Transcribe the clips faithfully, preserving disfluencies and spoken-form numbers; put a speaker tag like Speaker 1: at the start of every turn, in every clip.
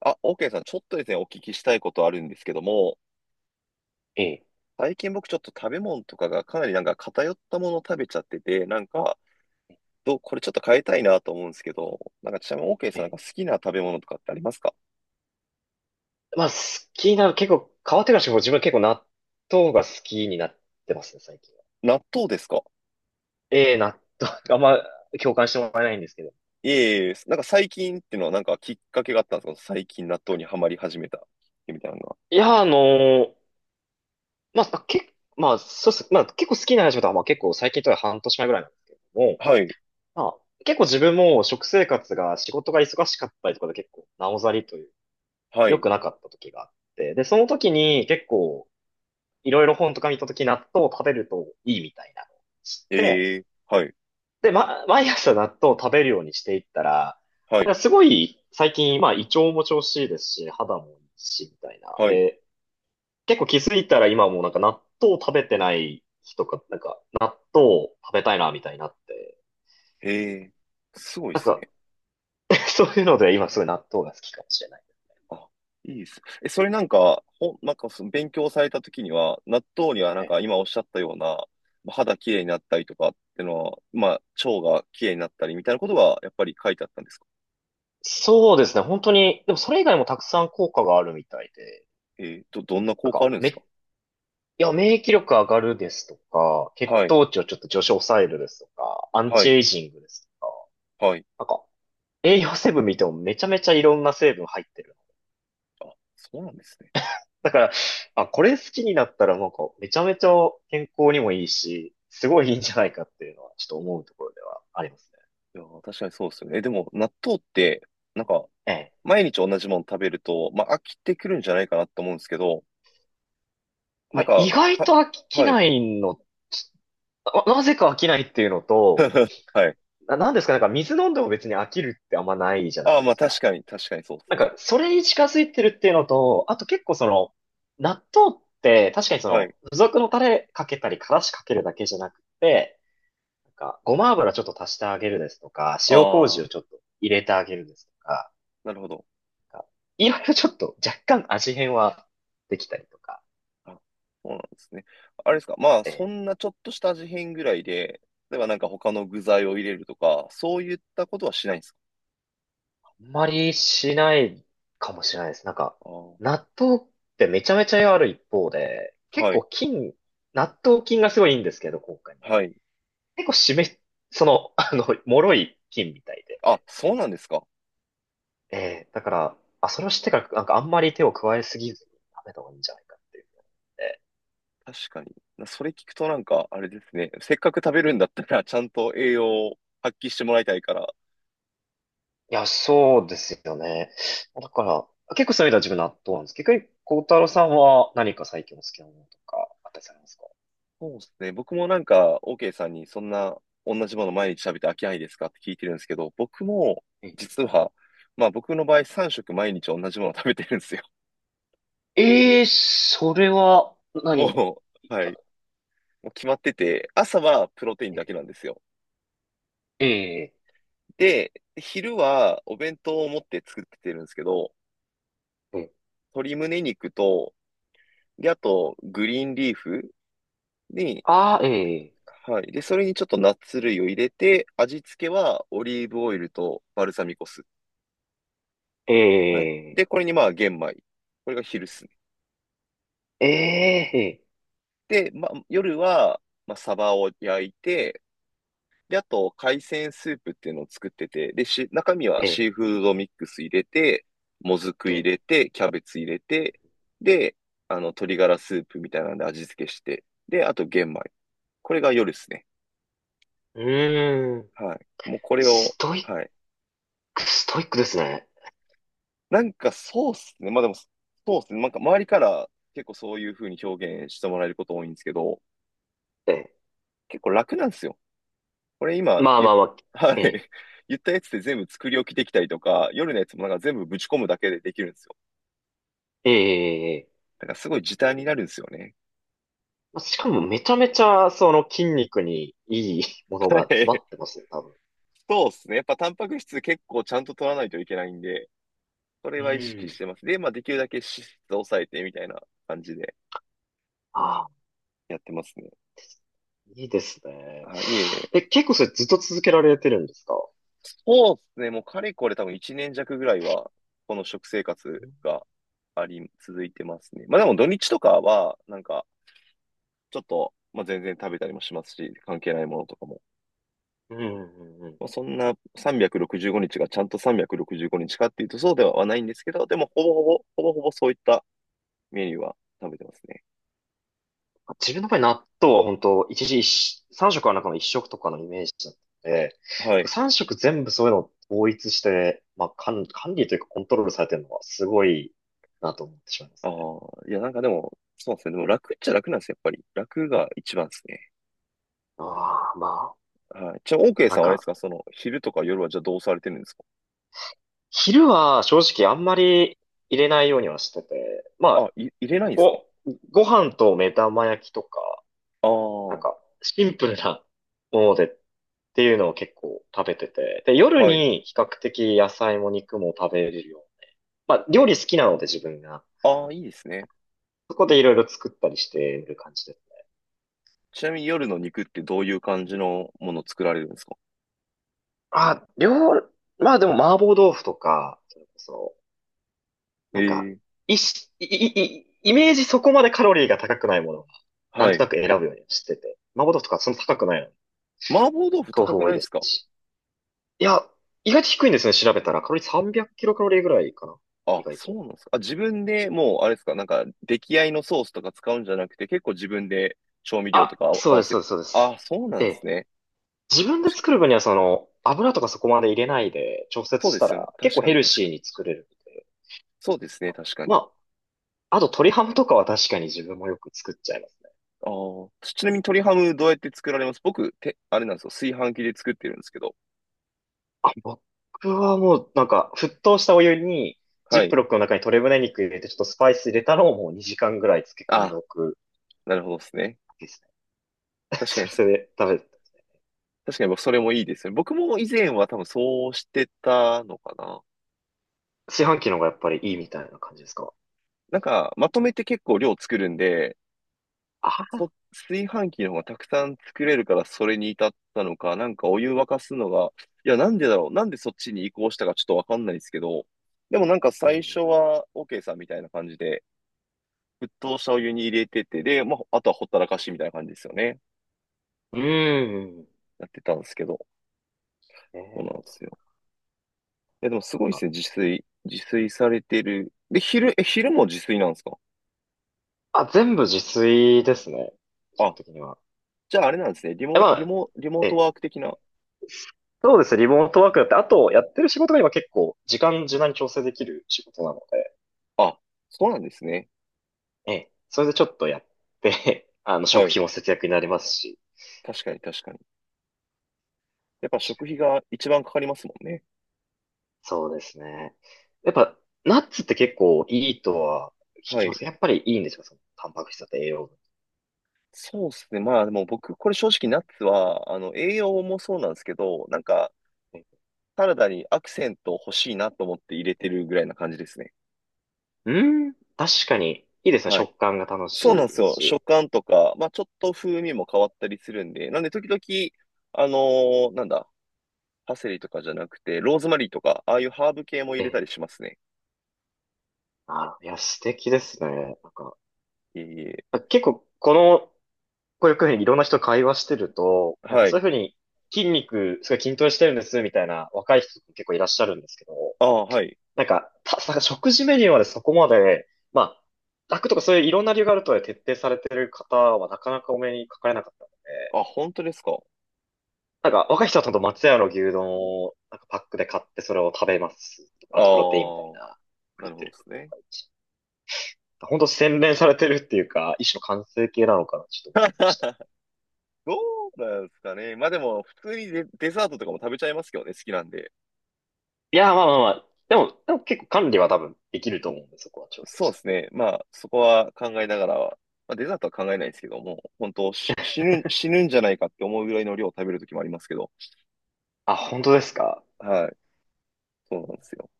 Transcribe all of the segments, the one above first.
Speaker 1: あ、OK さん、ちょっとですね、お聞きしたいことあるんですけども、
Speaker 2: ええ、
Speaker 1: 最近僕ちょっと食べ物とかがかなりなんか偏ったものを食べちゃってて、なんか、どう、これちょっと変えたいなと思うんですけど、なんかちなみに OK
Speaker 2: え
Speaker 1: さん、なん
Speaker 2: え。
Speaker 1: か好きな食べ物とかってありますか？
Speaker 2: まあ、好きな、結構、変わってからしても自分は結構納豆が好きになってますね、最近は。
Speaker 1: 納豆ですか？
Speaker 2: ええ、納豆、あんま共感してもらえないんですけど。
Speaker 1: いえいえ、なんか最近っていうのはなんかきっかけがあったんですか？最近納豆にはまり始めた、みたいなのは。
Speaker 2: いや、あのーまあ、け、まあ、そうっす。まあ、結構好きな話だとは、まあ結構最近とは半年前ぐらいなんですけれども、
Speaker 1: はい、
Speaker 2: まあ、結構自分も食生活が仕事が忙しかったりとかで結構なおざりという、
Speaker 1: は
Speaker 2: 良
Speaker 1: い、
Speaker 2: くなかった時があって、で、その時に結構いろいろ本とか見た時納豆を食べるといいみたいなのを知って、
Speaker 1: ええ、はい、
Speaker 2: で、ま、毎朝納豆を食べるようにしていったら、
Speaker 1: は
Speaker 2: な
Speaker 1: い、
Speaker 2: んかすごい最近、まあ胃腸も調子いいですし、肌もいいし、みたいな。
Speaker 1: はい、
Speaker 2: で、結構気づいたら今もうなんか納豆を食べてない日とか、なんか納豆を食べたいな、みたいになって。
Speaker 1: ええ、すごいで
Speaker 2: なん
Speaker 1: す
Speaker 2: か、
Speaker 1: ね。
Speaker 2: そういうので今すごい納豆が好きかもしれない。
Speaker 1: あ、いいです。え、それなんか、ほなんかその勉強された時には、納豆にはなん
Speaker 2: え、
Speaker 1: か今おっしゃったような、まあ肌きれいになったりとかってのは、まあ、腸がきれいになったりみたいなことがやっぱり書いてあったんですか？
Speaker 2: そうですね、本当に、でもそれ以外もたくさん効果があるみたいで、
Speaker 1: えーど、どんな
Speaker 2: な
Speaker 1: 効
Speaker 2: ん
Speaker 1: 果あ
Speaker 2: か、
Speaker 1: るんです
Speaker 2: め、
Speaker 1: か？
Speaker 2: いや、免疫力上がるですとか、血
Speaker 1: はい、
Speaker 2: 糖値をちょっと上昇抑えるですとか、アン
Speaker 1: は
Speaker 2: チ
Speaker 1: い、
Speaker 2: エイジングです
Speaker 1: はい。
Speaker 2: とか、栄養成分見てもめちゃめちゃいろんな成分入ってる。
Speaker 1: あ、そうなんですね。
Speaker 2: だから、あ、これ好きになったらなんかめちゃめちゃ健康にもいいし、すごいいいんじゃないかっていうのはちょっと思うところではありますね。
Speaker 1: いやー、確かにそうですよね。え、でも、納豆って、なんか、
Speaker 2: ええ。
Speaker 1: 毎日同じもの食べると、まあ、飽きてくるんじゃないかなと思うんですけど、な
Speaker 2: ま
Speaker 1: ん
Speaker 2: あ、意
Speaker 1: か、
Speaker 2: 外
Speaker 1: た、
Speaker 2: と飽き
Speaker 1: はい、
Speaker 2: ないの、ななぜか飽きないっていうのと、
Speaker 1: はい。
Speaker 2: な、なんですか、なんか水飲んでも別に飽きるってあんまないじゃな
Speaker 1: あ
Speaker 2: い
Speaker 1: あ、
Speaker 2: で
Speaker 1: まあ、
Speaker 2: す
Speaker 1: 確
Speaker 2: か。
Speaker 1: かに、確かにそうで
Speaker 2: な
Speaker 1: す
Speaker 2: んか、
Speaker 1: ね。
Speaker 2: それに近づいてるっていうのと、あと結構その、納豆って確かにそ
Speaker 1: は
Speaker 2: の、
Speaker 1: い。
Speaker 2: 付属のタレかけたり、からしかけるだけじゃなくて、なんか、ごま油ちょっと足してあげるですとか、塩麹を
Speaker 1: あ
Speaker 2: ちょ
Speaker 1: あ。
Speaker 2: っと入れてあげるですとか、
Speaker 1: なるほど。
Speaker 2: なんかいろいろちょっと若干味変はできたりとか、
Speaker 1: あ、そうなんですね。あれですか、まあ、
Speaker 2: え
Speaker 1: そ
Speaker 2: え、
Speaker 1: んなちょっとした味変ぐらいで、例えばなんか他の具材を入れるとか、そういったことはしないんですか？
Speaker 2: あんまりしないかもしれないです。なんか、
Speaker 1: あー、
Speaker 2: 納豆ってめちゃめちゃ栄いある一方で、結
Speaker 1: はい、
Speaker 2: 構菌、納豆菌がすごいいいんですけど、効果に。
Speaker 1: はい。
Speaker 2: 結構湿っ、その、あの、脆い菌みたいで、
Speaker 1: あ、そうなんですか。
Speaker 2: ええ、だから、あ、それを知ってから、なんかあんまり手を加えすぎずに食べた方がいいんじゃないかっていうの、
Speaker 1: 確かに。それ聞くとなんか、あれですね。せっかく食べるんだったら、ちゃんと栄養を発揮してもらいたいから。
Speaker 2: いや、そうですよね。だから、結構そういう意味では自分納豆なんです。逆に、孝太郎さんは何か最近お好きなものとかあったりされますか？
Speaker 1: そうですね。僕もなんか、OK さんにそんな同じもの毎日食べて飽きないですかって聞いてるんですけど、僕も、
Speaker 2: え
Speaker 1: 実は、まあ僕の場合さんしょく食毎日同じもの食べてるんですよ。
Speaker 2: ええーそれは何、
Speaker 1: もう、はい。もう決まってて、朝はプロテインだ
Speaker 2: え
Speaker 1: けなんですよ。
Speaker 2: ええ
Speaker 1: で、昼はお弁当を持って作ってるんですけど、
Speaker 2: ええ、
Speaker 1: 鶏胸肉と、で、あと、グリーンリーフに、
Speaker 2: ああ、ええ、
Speaker 1: はい。で、それにちょっとナッツ類を入れて、味付けはオリーブオイルとバルサミコ酢。はい。
Speaker 2: ええ
Speaker 1: で、これにまあ玄米。これが昼っすね。
Speaker 2: ええ
Speaker 1: で、まあ、夜は、まあ、サバを焼いて、で、あと、海鮮スープっていうのを作ってて、で、し、中身は
Speaker 2: ええ、
Speaker 1: シーフードミックス入れて、もずく入
Speaker 2: ええ、
Speaker 1: れて、キャベツ入れて、で、あの、鶏ガラスープみたいなんで味付けして、で、あと玄米。これが夜ですね。
Speaker 2: うーん。
Speaker 1: はい。もうこれを、
Speaker 2: ストイッ
Speaker 1: はい。
Speaker 2: ク、ストイックですね。
Speaker 1: なんかそうっすね。まあでも、そうっすね。なんか周りから結構そういう風に表現してもらえること多いんですけど、
Speaker 2: ええ、
Speaker 1: 結構楽なんですよ。これ今
Speaker 2: まあ
Speaker 1: 言
Speaker 2: ま
Speaker 1: っ、
Speaker 2: あまあ、
Speaker 1: はい。
Speaker 2: ええ
Speaker 1: 言ったやつで全部作り置きできたりとか、夜のやつもなんか全部ぶち込むだけでできるんですよ。
Speaker 2: ええええ、
Speaker 1: だからすごい時短になるんですよね。
Speaker 2: しかもめちゃめちゃその筋肉にいいも のが
Speaker 1: は
Speaker 2: 詰ま
Speaker 1: い。
Speaker 2: ってますね、多分。
Speaker 1: そうですね。やっぱタンパク質結構ちゃんと取らないといけないんで、それ
Speaker 2: う
Speaker 1: は意識し
Speaker 2: ん。
Speaker 1: てます。で、まあできるだけ脂質抑えてみたいな感じで
Speaker 2: ああ、
Speaker 1: やってますね。
Speaker 2: いいですね。
Speaker 1: あ、いえいえ。
Speaker 2: え、結構それずっと続けられてるんですか？
Speaker 1: そうですね。もうかれこれ多分いちねん弱ぐらいは、この食生活
Speaker 2: うん
Speaker 1: があり、続いてますね。まあでも土日とかは、なんか、ちょっと、まあ全然食べたりもしますし、関係ないものとかも。
Speaker 2: うんうんうん。
Speaker 1: まあそんなさんびゃくろくじゅうごにちがちゃんとさんびゃくろくじゅうごにちかっていうとそうではないんですけど、でもほぼほぼ、ほぼほぼそういったメニューは食べてますね。
Speaker 2: 自分の場合納豆は本当一日一、さん食は中の一食とかのイメージだったので、
Speaker 1: はい。
Speaker 2: さん食全部そういうのを統一して、まあ、管、管理というかコントロールされてるのはすごいなと思ってしまいま
Speaker 1: あ
Speaker 2: すね。
Speaker 1: あ、いやなんかでも、そうですね。でも楽っちゃ楽なんですよ、やっぱり。楽が一番ですね。
Speaker 2: ああ、まあ、
Speaker 1: はい。じゃあ、オー
Speaker 2: あ
Speaker 1: ケー
Speaker 2: とな
Speaker 1: さ
Speaker 2: ん
Speaker 1: んはあれです
Speaker 2: か、
Speaker 1: かその、昼とか夜はじゃあどうされてるんですか？
Speaker 2: 昼は正直あんまり入れないようにはしてて、
Speaker 1: あ、
Speaker 2: まあ、
Speaker 1: い、入れないんですか？
Speaker 2: ご、ご飯と目玉焼きとか、
Speaker 1: ああ、
Speaker 2: なん
Speaker 1: は
Speaker 2: かシンプルなものでっていうのを結構食べてて、で、夜
Speaker 1: い。
Speaker 2: に比較的野菜も肉も食べれるよう。まあ、料理好きなので自分が、
Speaker 1: ああ、いいですね。
Speaker 2: そこでいろいろ作ったりしてる感じです。
Speaker 1: ちなみに夜の肉ってどういう感じのもの作られるんですか？
Speaker 2: あ、料、まあでも麻婆豆腐とか、それこそなんか、
Speaker 1: ええ、
Speaker 2: いし、い、い、い、イメージそこまでカロリーが高くないものは、な
Speaker 1: は
Speaker 2: んと
Speaker 1: い。
Speaker 2: なく選ぶようにしてて。麻婆豆腐とかそんな高くないのに。
Speaker 1: 麻婆豆腐
Speaker 2: 豆
Speaker 1: 高
Speaker 2: 腐
Speaker 1: く
Speaker 2: 多
Speaker 1: ない
Speaker 2: い
Speaker 1: で
Speaker 2: で
Speaker 1: す
Speaker 2: す
Speaker 1: か？
Speaker 2: し。いや、意外と低いんですね、調べたら。カロリーさんびゃくキロカロリーぐらいかな。意
Speaker 1: あ、
Speaker 2: 外
Speaker 1: そ
Speaker 2: と。
Speaker 1: うなんですか。あ、自分でもう、あれですか、なんか、出来合いのソースとか使うんじゃなくて、結構自分で調味料と
Speaker 2: あ、
Speaker 1: か
Speaker 2: そ
Speaker 1: 合
Speaker 2: うで
Speaker 1: わ
Speaker 2: す、
Speaker 1: せ
Speaker 2: そうで
Speaker 1: て。
Speaker 2: す、そうで
Speaker 1: あ、
Speaker 2: す。
Speaker 1: そうな
Speaker 2: え
Speaker 1: んです
Speaker 2: え。
Speaker 1: ね。
Speaker 2: 自分で
Speaker 1: 確かに。
Speaker 2: 作る分にはその、油とかそこまで入れないで調
Speaker 1: そ
Speaker 2: 節
Speaker 1: う
Speaker 2: し
Speaker 1: で
Speaker 2: た
Speaker 1: すよね。
Speaker 2: ら結
Speaker 1: 確
Speaker 2: 構
Speaker 1: か
Speaker 2: ヘ
Speaker 1: に、
Speaker 2: ル
Speaker 1: 確か
Speaker 2: シー
Speaker 1: に。
Speaker 2: に作れるので。
Speaker 1: そうですね、確かに。
Speaker 2: まあ、あと鶏ハムとかは確かに自分もよく作っちゃいます。
Speaker 1: ああ、ちなみに鶏ハムどうやって作られます？僕、て、あれなんですよ。炊飯器で作ってるんですけど。
Speaker 2: あ、僕はもうなんか沸騰したお湯にジ
Speaker 1: は
Speaker 2: ッ
Speaker 1: い。
Speaker 2: プロックの中に鶏胸肉入れてちょっとスパイス入れたのをもうにじかんぐらい漬け込んで
Speaker 1: あ、
Speaker 2: おく
Speaker 1: なるほどですね。
Speaker 2: ですね。
Speaker 1: 確か
Speaker 2: そ
Speaker 1: にそ、
Speaker 2: れで食べて、
Speaker 1: 確かに僕、それもいいですね。僕も以前は多分そうしてたのかな。
Speaker 2: 市販機の方がやっぱりいいみたいな感じですか？
Speaker 1: なんか、まとめて結構量作るんで、
Speaker 2: あ、
Speaker 1: そ、炊飯器の方がたくさん作れるからそれに至ったのか、なんかお湯沸かすのが、いや、なんでだろう、なんでそっちに移行したかちょっとわかんないですけど、でもなんか
Speaker 2: う
Speaker 1: 最初
Speaker 2: ん。
Speaker 1: は OK さんみたいな感じで、沸騰したお湯に入れてて、で、まあ、あとはほったらかしみたいな感じですよね。
Speaker 2: うーん。
Speaker 1: やってたんですけど、
Speaker 2: え
Speaker 1: そうなんで
Speaker 2: ー、
Speaker 1: すよ。え、でもす
Speaker 2: なん
Speaker 1: ごいです
Speaker 2: か、
Speaker 1: ね、自炊。自炊されてる。で、昼、え、昼も自炊なんですか？
Speaker 2: あ、全部自炊ですね。基本
Speaker 1: あ、
Speaker 2: 的には。
Speaker 1: じゃああれなんですね。リ
Speaker 2: え、ま
Speaker 1: モ、リ
Speaker 2: あ、
Speaker 1: モ、リモート
Speaker 2: え、
Speaker 1: ワーク的な。
Speaker 2: そうですね。リモートワークだって、あとやってる仕事が今結構時間柔軟に調整できる仕事なので、
Speaker 1: あ、そうなんですね。
Speaker 2: ええ、それでちょっとやって、あの、
Speaker 1: は
Speaker 2: 食
Speaker 1: い。
Speaker 2: 費も節約になりますし、
Speaker 1: 確かに、確かに。やっぱ
Speaker 2: 確
Speaker 1: 食
Speaker 2: か
Speaker 1: 費
Speaker 2: に
Speaker 1: が一番かかりますもんね。
Speaker 2: そうですね。やっぱ、ナッツって結構いいとは聞
Speaker 1: は
Speaker 2: きます
Speaker 1: い。
Speaker 2: けど、やっぱりいいんですかその、タンパク質だと栄養分。
Speaker 1: そうですね。まあでも僕、これ正直ナッツは、あの、栄養もそうなんですけど、なんか、サラダにアクセント欲しいなと思って入れてるぐらいな感じですね。
Speaker 2: うん、確かに、いいですね。
Speaker 1: はい。
Speaker 2: 食感が楽
Speaker 1: そう
Speaker 2: し
Speaker 1: なんで
Speaker 2: い
Speaker 1: す
Speaker 2: です
Speaker 1: よ。
Speaker 2: し。
Speaker 1: 食感とか、まあちょっと風味も変わったりするんで、なんで時々、あのーなんだ、パセリとかじゃなくて、ローズマリーとか、ああいうハーブ系も入
Speaker 2: え
Speaker 1: れた
Speaker 2: え、
Speaker 1: りしますね。
Speaker 2: あ、いや、素敵ですね。なんか、
Speaker 1: いえいえ。
Speaker 2: 結構、この、こういうふうにいろんな人と会話してると、なんか
Speaker 1: は
Speaker 2: そう
Speaker 1: い。
Speaker 2: いうふうに筋肉、すごい筋トレしてるんです、みたいな若い人結構いらっしゃるんですけど、
Speaker 1: ああ、はい。
Speaker 2: なんか、た、さ食事メニューまでそこまで、まあ、楽とかそういういろんな理由があるとはいえ徹底されてる方はなかなかお目にかかれなかったので、
Speaker 1: あ、本当ですか？
Speaker 2: なんか若い人はちゃんと松屋の牛丼をなんかパックで買ってそれを食べますとか。
Speaker 1: あ
Speaker 2: あとプロテインみたい
Speaker 1: あ、
Speaker 2: な、
Speaker 1: な
Speaker 2: 言っ
Speaker 1: るほ
Speaker 2: て
Speaker 1: ど
Speaker 2: る
Speaker 1: で
Speaker 2: 方と
Speaker 1: す
Speaker 2: と
Speaker 1: ね。
Speaker 2: かいるし。本当洗練されてるっていうか、一種の完成形なのかな、ちょっと思いました。
Speaker 1: どうなんですかね。まあでも、普通にデ、デザートとかも食べちゃいますけどね、好きなんで。
Speaker 2: いや、まあまあまあ、でも、でも結構管理は多分できると思うんで、そこは調整
Speaker 1: そ
Speaker 2: し
Speaker 1: うで
Speaker 2: て。
Speaker 1: すね。まあ、そこは考えながらは、まあ、デザートは考えないですけども、本当し死ぬ、死ぬんじゃないかって思うぐらいの量を食べるときもありますけど。
Speaker 2: あ、本当ですか？
Speaker 1: はい。そうなんですよ。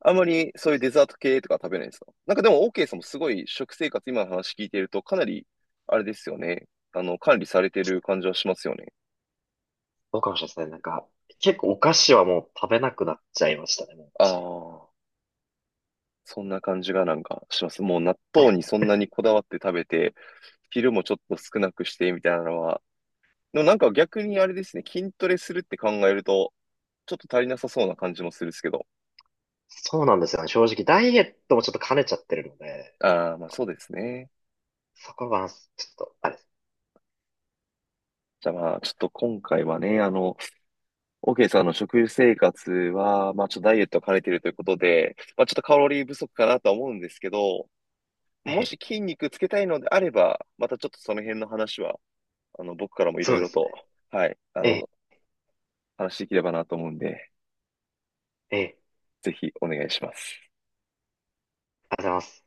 Speaker 1: あんまりそういうデザート系とか食べないですか？なんかでも、OK さんもすごい食生活、今の話聞いてると、かなり、あれですよね。あの、管理されてる感じはしますよね。
Speaker 2: どうかもしれませんね。なんか、結構お菓子はもう食べなくなっちゃいましたね、もう
Speaker 1: あ
Speaker 2: 一年。
Speaker 1: あ、そんな感じがなんかします。もう納豆にそんなにこだわって食べて、昼もちょっと少なくしてみたいなのは、でもなんか逆にあれですね、筋トレするって考えると、ちょっと足りなさそうな感じもするんですけど。
Speaker 2: そうなんですよね。正直、ダイエットもちょっと兼ねちゃってるので、
Speaker 1: ああ、まあそうですね。
Speaker 2: そこは、ちょっと、あれです。
Speaker 1: じゃあまあちょっと今回はね、あの、OK さんの食生活は、まあちょっとダイエットを兼ねているということで、まあちょっとカロリー不足かなとは思うんですけど、
Speaker 2: え
Speaker 1: もし
Speaker 2: え、
Speaker 1: 筋肉つけたいのであれば、またちょっとその辺の話は、あの、僕からもいろ
Speaker 2: そう
Speaker 1: い
Speaker 2: で
Speaker 1: ろ
Speaker 2: す
Speaker 1: と、
Speaker 2: ね。
Speaker 1: はい、あ
Speaker 2: ええ、
Speaker 1: の、話していければなと思うんで、
Speaker 2: ええ、
Speaker 1: ぜひお願いします。
Speaker 2: ありがとうございます。